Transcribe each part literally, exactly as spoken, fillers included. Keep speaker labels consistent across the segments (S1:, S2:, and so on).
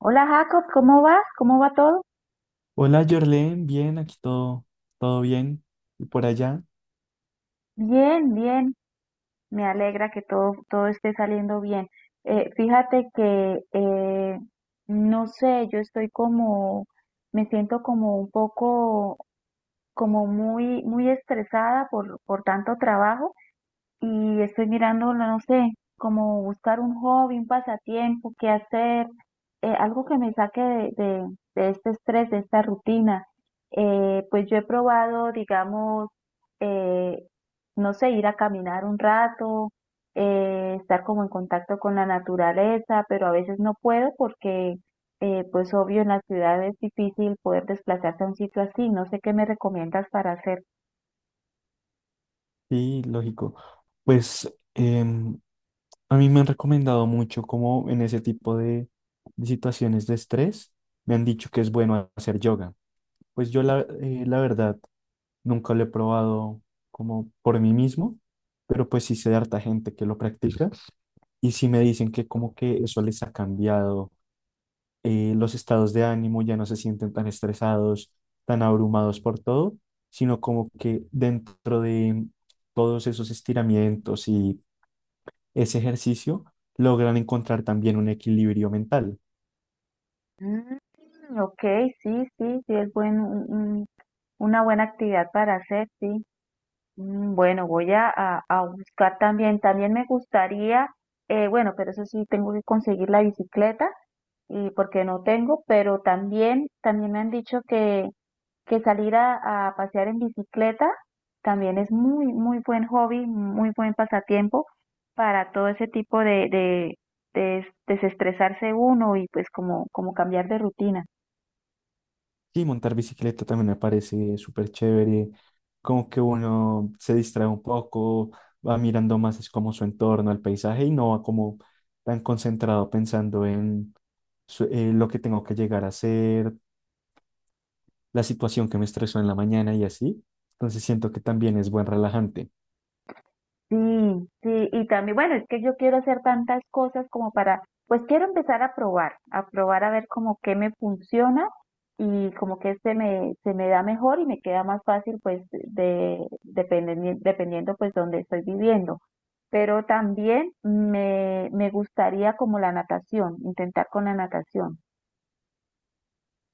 S1: Hola Jacob, ¿cómo vas? ¿Cómo va todo?
S2: Hola, Jorlen, bien, aquí todo, todo bien. Y por allá,
S1: Bien, bien. Me alegra que todo, todo esté saliendo bien. Eh, fíjate que, eh, no sé, yo estoy como, me siento como un poco, como muy, muy estresada por, por tanto trabajo y estoy mirando, no sé, como buscar un hobby, un pasatiempo, qué hacer, eh, algo que me saque de, de, de este estrés, de esta rutina. Eh, pues yo he probado, digamos, eh, no sé, ir a caminar un rato, eh, estar como en contacto con la naturaleza, pero a veces no puedo porque, eh, pues obvio, en la ciudad es difícil poder desplazarse a un sitio así. No sé qué me recomiendas para hacer.
S2: sí, lógico. Pues em, a mí me han recomendado mucho como en ese tipo de, de situaciones de estrés, me han dicho que es bueno hacer yoga. Pues yo la, eh, la verdad nunca lo he probado como por mí mismo, pero pues sí sé de harta gente que lo practica y sí me dicen que como que eso les ha cambiado eh, los estados de ánimo, ya no se sienten tan estresados, tan abrumados por todo, sino como que dentro de todos esos estiramientos y ese ejercicio logran encontrar también un equilibrio mental.
S1: Mm, ok, sí, sí, sí, es buen, un- un- una buena actividad para hacer, sí. Mm, Bueno, voy a, a- a buscar también, también me gustaría, eh, bueno, pero eso sí, tengo que conseguir la bicicleta y porque no tengo, pero también, también me han dicho que, que salir a, a pasear en bicicleta también es muy, muy buen hobby, muy buen pasatiempo para todo ese tipo de, de, de des- desestresarse uno y pues como, como cambiar de rutina.
S2: Y montar bicicleta también me parece súper chévere, como que uno se distrae un poco, va mirando más es como su entorno, el paisaje, y no va como tan concentrado pensando en su- eh, lo que tengo que llegar a hacer, la situación que me estresó en la mañana y así. Entonces siento que también es buen relajante.
S1: Sí, sí, y también, bueno, es que yo quiero hacer tantas cosas como para, pues quiero empezar a probar, a probar a ver como qué me funciona y como que se me, se me da mejor y me queda más fácil pues de, dependiendo, dependiendo pues donde estoy viviendo. Pero también me, me gustaría como la natación, intentar con la natación.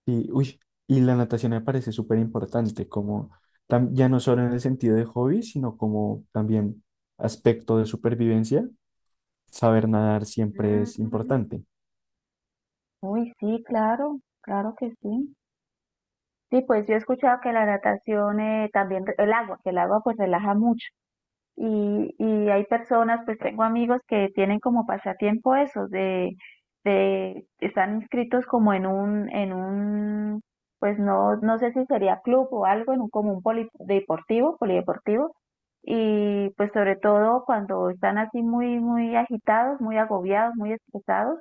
S2: Y uy, y la natación me parece súper importante, como tam- ya no solo en el sentido de hobby, sino como también aspecto de supervivencia. Saber nadar siempre es
S1: Mm,
S2: importante.
S1: uy, sí, claro, claro que sí. Sí, pues yo he escuchado que la natación eh, también, re- el agua, que el agua pues relaja mucho. y, y hay personas, pues tengo amigos que tienen como pasatiempo eso, de, de están inscritos como en un, en un, pues no, no sé si sería club o algo, en un como un poli- deportivo, polideportivo, y pues sobre todo cuando están así muy, muy agitados, muy agobiados, muy estresados,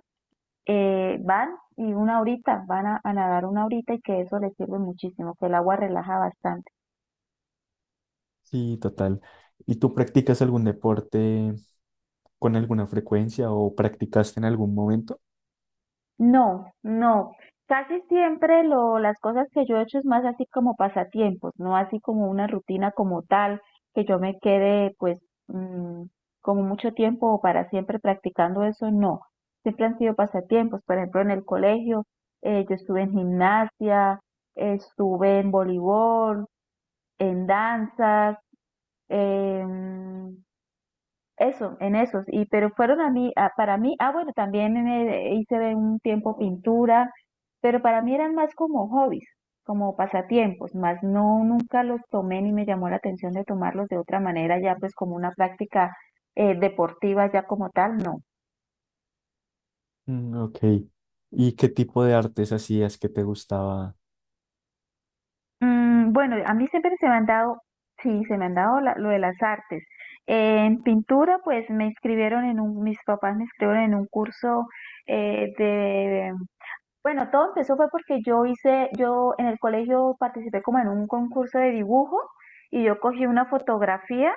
S1: eh, van y una horita, van a, a nadar una horita y que eso les sirve muchísimo, que el agua relaja bastante.
S2: Sí, total. ¿Y tú practicas algún deporte con alguna frecuencia o practicaste en algún momento?
S1: No, no. Casi siempre lo, las cosas que yo he hecho es más así como pasatiempos, no así como una rutina como tal, que yo me quede pues mm, como mucho tiempo o para siempre practicando eso, no. Siempre han sido pasatiempos, por ejemplo en el colegio, eh, yo estuve en gimnasia, estuve en voleibol, en danzas, em, eso, en esos, y pero fueron a mí, a- para mí, ah bueno, también en hice de un tiempo pintura, pero para mí eran más como hobbies, como pasatiempos, más no, nunca los tomé ni me llamó la atención de tomarlos de otra manera, ya pues como una práctica eh, deportiva ya como tal, no.
S2: Mm, ok. ¿Y qué tipo de artes hacías que te gustaba?
S1: Mm, bueno, a mí siempre se me han dado, sí, se me han dado la- lo de las artes. En pintura, pues me inscribieron en un, mis papás me inscribieron en un curso eh, bueno, todo empezó fue porque yo hice, yo en el colegio participé como en un concurso de dibujo y yo cogí una fotografía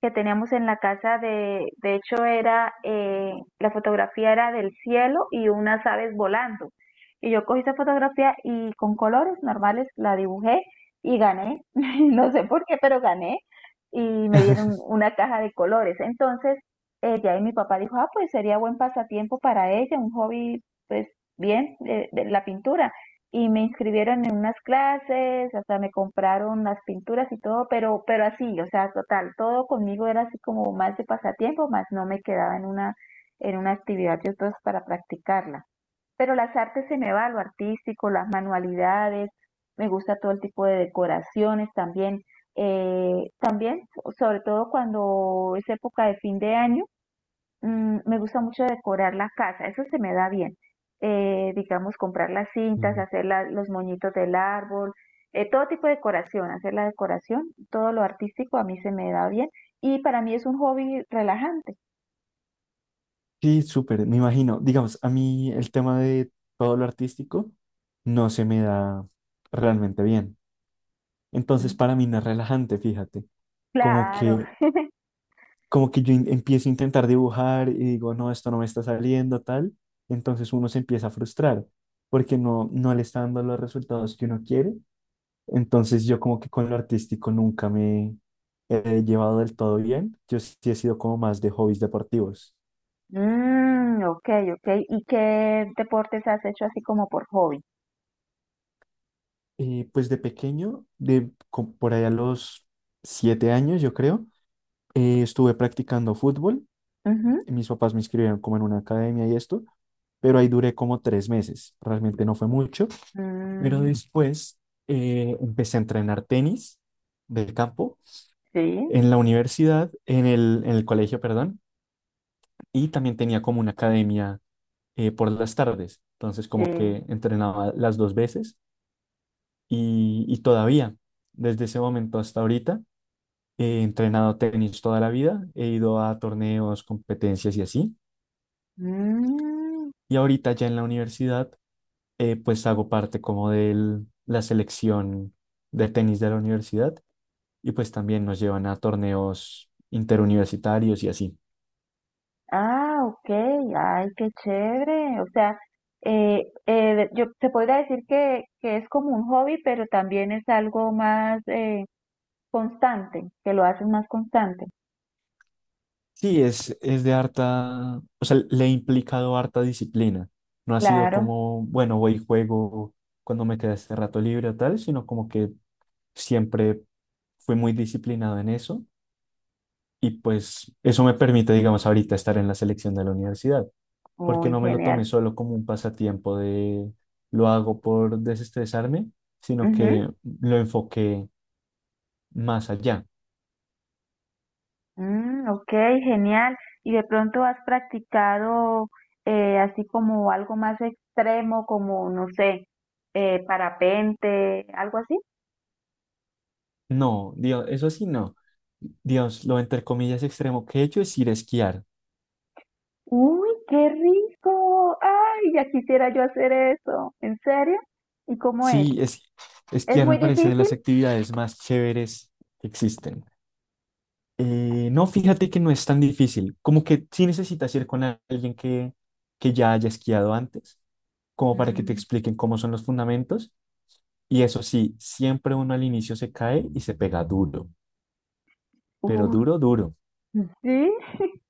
S1: que teníamos en la casa de, de hecho era, eh, la fotografía era del cielo y unas aves volando. Y yo cogí esa fotografía y con colores normales la dibujé y gané. No sé por qué, pero gané y me dieron una caja de colores. Entonces, eh, de ahí mi papá dijo, ah, pues sería buen pasatiempo para ella, un hobby, pues bien, eh, de la pintura y me inscribieron en unas clases, hasta me compraron las pinturas y todo, pero, pero así, o sea, total, todo conmigo era así como más de pasatiempo, más no me quedaba en una, en una actividad de otros para practicarla. Pero las artes se me va, lo artístico, las manualidades, me gusta todo el tipo de decoraciones también. eh, también, sobre todo cuando es época de fin de año, Mm, me gusta mucho decorar la casa, eso se me da bien. Eh, digamos, comprar las cintas,
S2: Mm.
S1: hacer la- los moñitos del árbol, eh, todo tipo de decoración, hacer la decoración, todo lo artístico a mí se me da bien y para mí es un hobby relajante.
S2: Sí, súper, me imagino. Digamos, a mí el tema de todo lo artístico no se me da realmente bien. Entonces,
S1: Mm.
S2: para mí no es relajante, fíjate. Como
S1: Claro.
S2: que, como que yo in- empiezo a intentar dibujar y digo, no, esto no me está saliendo, tal. Entonces uno se empieza a frustrar porque no, no le está dando los resultados que uno quiere. Entonces, yo como que con lo artístico nunca me he llevado del todo bien. Yo sí he sido como más de hobbies deportivos.
S1: Mm, ok, ok. ¿Y qué deportes has hecho así como por hobby?
S2: Eh, pues de pequeño, de co- por allá a los siete años, yo creo, eh, estuve practicando fútbol.
S1: Ujú.
S2: Mis papás me inscribieron como en una academia y esto, pero ahí duré como tres meses. Realmente no fue mucho, pero
S1: Mm,
S2: después eh, empecé a entrenar tenis del campo
S1: sí,
S2: en la universidad, en el, en el colegio, perdón, y también tenía como una academia eh, por las tardes. Entonces como
S1: sí.
S2: que entrenaba las dos veces y, y todavía, desde ese momento hasta ahorita. He entrenado tenis toda la vida, he ido a torneos, competencias y así.
S1: Mm.
S2: Y ahorita ya en la universidad, eh, pues hago parte como de la selección de tenis de la universidad, y pues también nos llevan a torneos interuniversitarios y así.
S1: Ah, ok, ay, qué chévere. O sea, eh, eh, yo te podría decir que, que es como un hobby, pero también es algo más eh, constante, que lo haces más constante.
S2: Sí, es, es de harta, o sea, le he implicado harta disciplina. No ha sido
S1: Claro,
S2: como, bueno, voy y juego cuando me queda este rato libre o tal, sino como que siempre fui muy disciplinado en eso. Y pues eso me permite, digamos, ahorita estar en la selección de la universidad, porque
S1: uy,
S2: no me lo tomé
S1: genial.
S2: solo como un pasatiempo de lo hago por desestresarme, sino
S1: Ujú.
S2: que lo enfoqué más allá.
S1: Mm, ok, genial. ¿Y de pronto has practicado eh, así como algo más extremo, como, no sé, eh, parapente, algo así?
S2: No, Dios, eso sí no. Dios, lo entre comillas extremo que he hecho es ir a esquiar.
S1: Uy, qué rico. Ay, ya quisiera yo hacer eso. ¿En serio? ¿Y cómo es?
S2: Sí, es,
S1: ¿Es
S2: esquiar
S1: muy
S2: me parece de
S1: difícil?
S2: las actividades más chéveres que existen. Eh, no, fíjate que no es tan difícil. Como que sí necesitas ir con a- alguien que, que ya haya esquiado antes, como para que te
S1: Mm,
S2: expliquen cómo son los fundamentos. Y eso sí, siempre uno al inicio se cae y se pega duro, pero
S1: Uh,
S2: duro, duro.
S1: sí.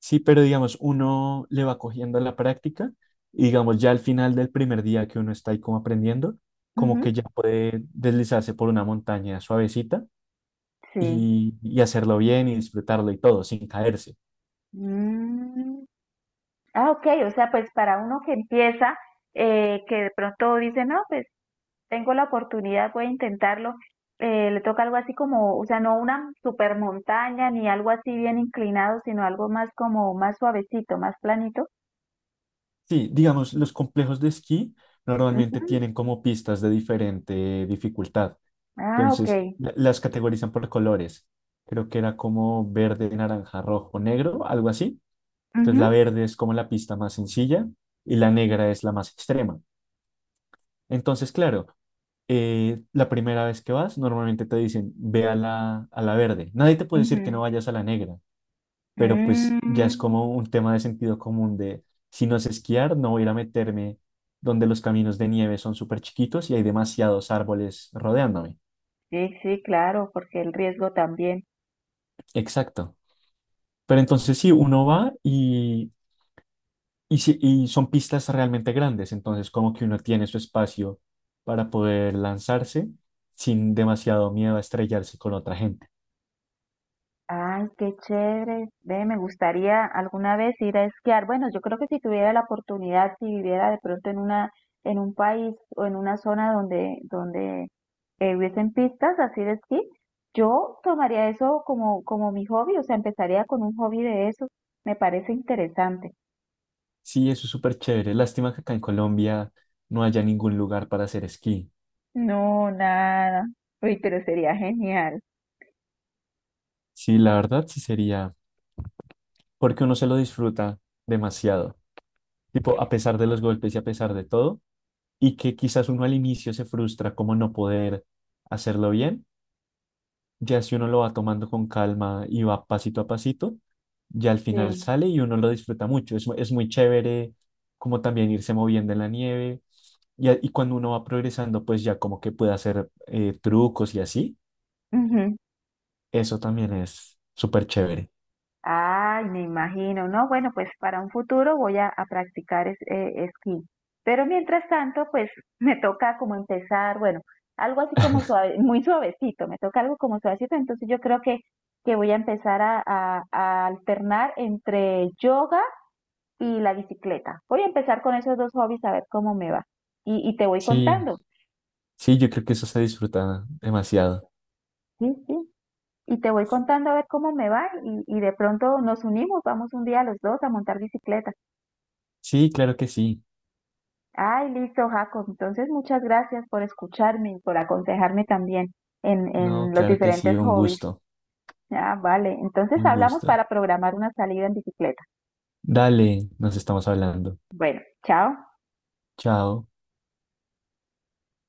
S2: Sí, pero digamos, uno le va cogiendo la práctica y digamos, ya al final del primer día que uno está ahí como aprendiendo, como que
S1: Ujú.
S2: ya puede deslizarse por una montaña suavecita
S1: Sí.
S2: y, y hacerlo bien y disfrutarlo y todo, sin caerse.
S1: Mm. Ah, ok, o sea, pues para uno que empieza, eh, que de pronto dice, no, pues tengo la oportunidad, voy a intentarlo, eh, le toca algo así como, o sea, no una super montaña ni algo así bien inclinado, sino algo más como más suavecito, más planito.
S2: Sí, digamos, los complejos de esquí normalmente
S1: Ujú.
S2: tienen como pistas de diferente dificultad.
S1: Ah, ok.
S2: Entonces, la- las categorizan por colores. Creo que era como verde, naranja, rojo, negro, algo así. Entonces, la verde es como la pista más sencilla y la negra es la más extrema. Entonces, claro, eh, la primera vez que vas, normalmente te dicen, ve a la, a la verde. Nadie te puede decir que no
S1: Ujú.
S2: vayas a la negra, pero pues ya es
S1: Mm,
S2: como un tema de sentido común de si no sé esquiar, no voy a ir a meterme donde los caminos de nieve son súper chiquitos y hay demasiados árboles rodeándome.
S1: sí, sí, claro, porque el riesgo también.
S2: Exacto. Pero entonces sí, uno va y, y, sí- y son pistas realmente grandes, entonces como que uno tiene su espacio para poder lanzarse sin demasiado miedo a estrellarse con otra gente.
S1: Ay, qué chévere. Ve, me gustaría alguna vez ir a esquiar. Bueno, yo creo que si tuviera la oportunidad, si viviera de pronto en una, en un país o en una zona donde, donde eh, hubiesen pistas así de esquí, yo tomaría eso como, como mi hobby, o sea, empezaría con un hobby de eso. Me parece interesante.
S2: Sí, eso es súper chévere. Lástima que acá en Colombia no haya ningún lugar para hacer esquí.
S1: No, nada. Uy, pero sería genial.
S2: Sí, la verdad sí sería porque uno se lo disfruta demasiado, tipo, a pesar de los golpes y a pesar de todo, y que quizás uno al inicio se frustra como no poder hacerlo bien, ya si uno lo va tomando con calma y va pasito a pasito, ya al final
S1: Sí.
S2: sale y uno lo disfruta mucho, es, mu- es muy chévere como también irse moviendo en la nieve, y, a- y cuando uno va progresando, pues ya como que puede hacer eh, trucos y así,
S1: Ujú.
S2: eso también es súper chévere.
S1: Ay, me imagino, ¿no? Bueno, pues para un futuro voy a, a practicar es- eh, esquí. Pero mientras tanto, pues me toca como empezar, bueno, algo así como suave, muy suavecito, me toca algo como suavecito, entonces yo creo que, que voy a empezar a, a- a alternar entre yoga y la bicicleta. Voy a empezar con esos dos hobbies a ver cómo me va. Y, y te voy
S2: Sí,
S1: contando,
S2: sí, yo creo que eso se disfruta demasiado.
S1: sí, sí. Y te voy contando a ver cómo me va y, y de pronto nos unimos, vamos un día los dos a montar bicicleta.
S2: Sí, claro que sí.
S1: Ay, listo, Jacob. Entonces, muchas gracias por escucharme y por aconsejarme también en,
S2: No,
S1: en los
S2: claro que sí,
S1: diferentes
S2: un
S1: hobbies.
S2: gusto,
S1: Ah, vale. Entonces,
S2: un
S1: hablamos
S2: gusto.
S1: para programar una salida en bicicleta.
S2: Dale, nos estamos hablando.
S1: Bueno, chao.
S2: Chao.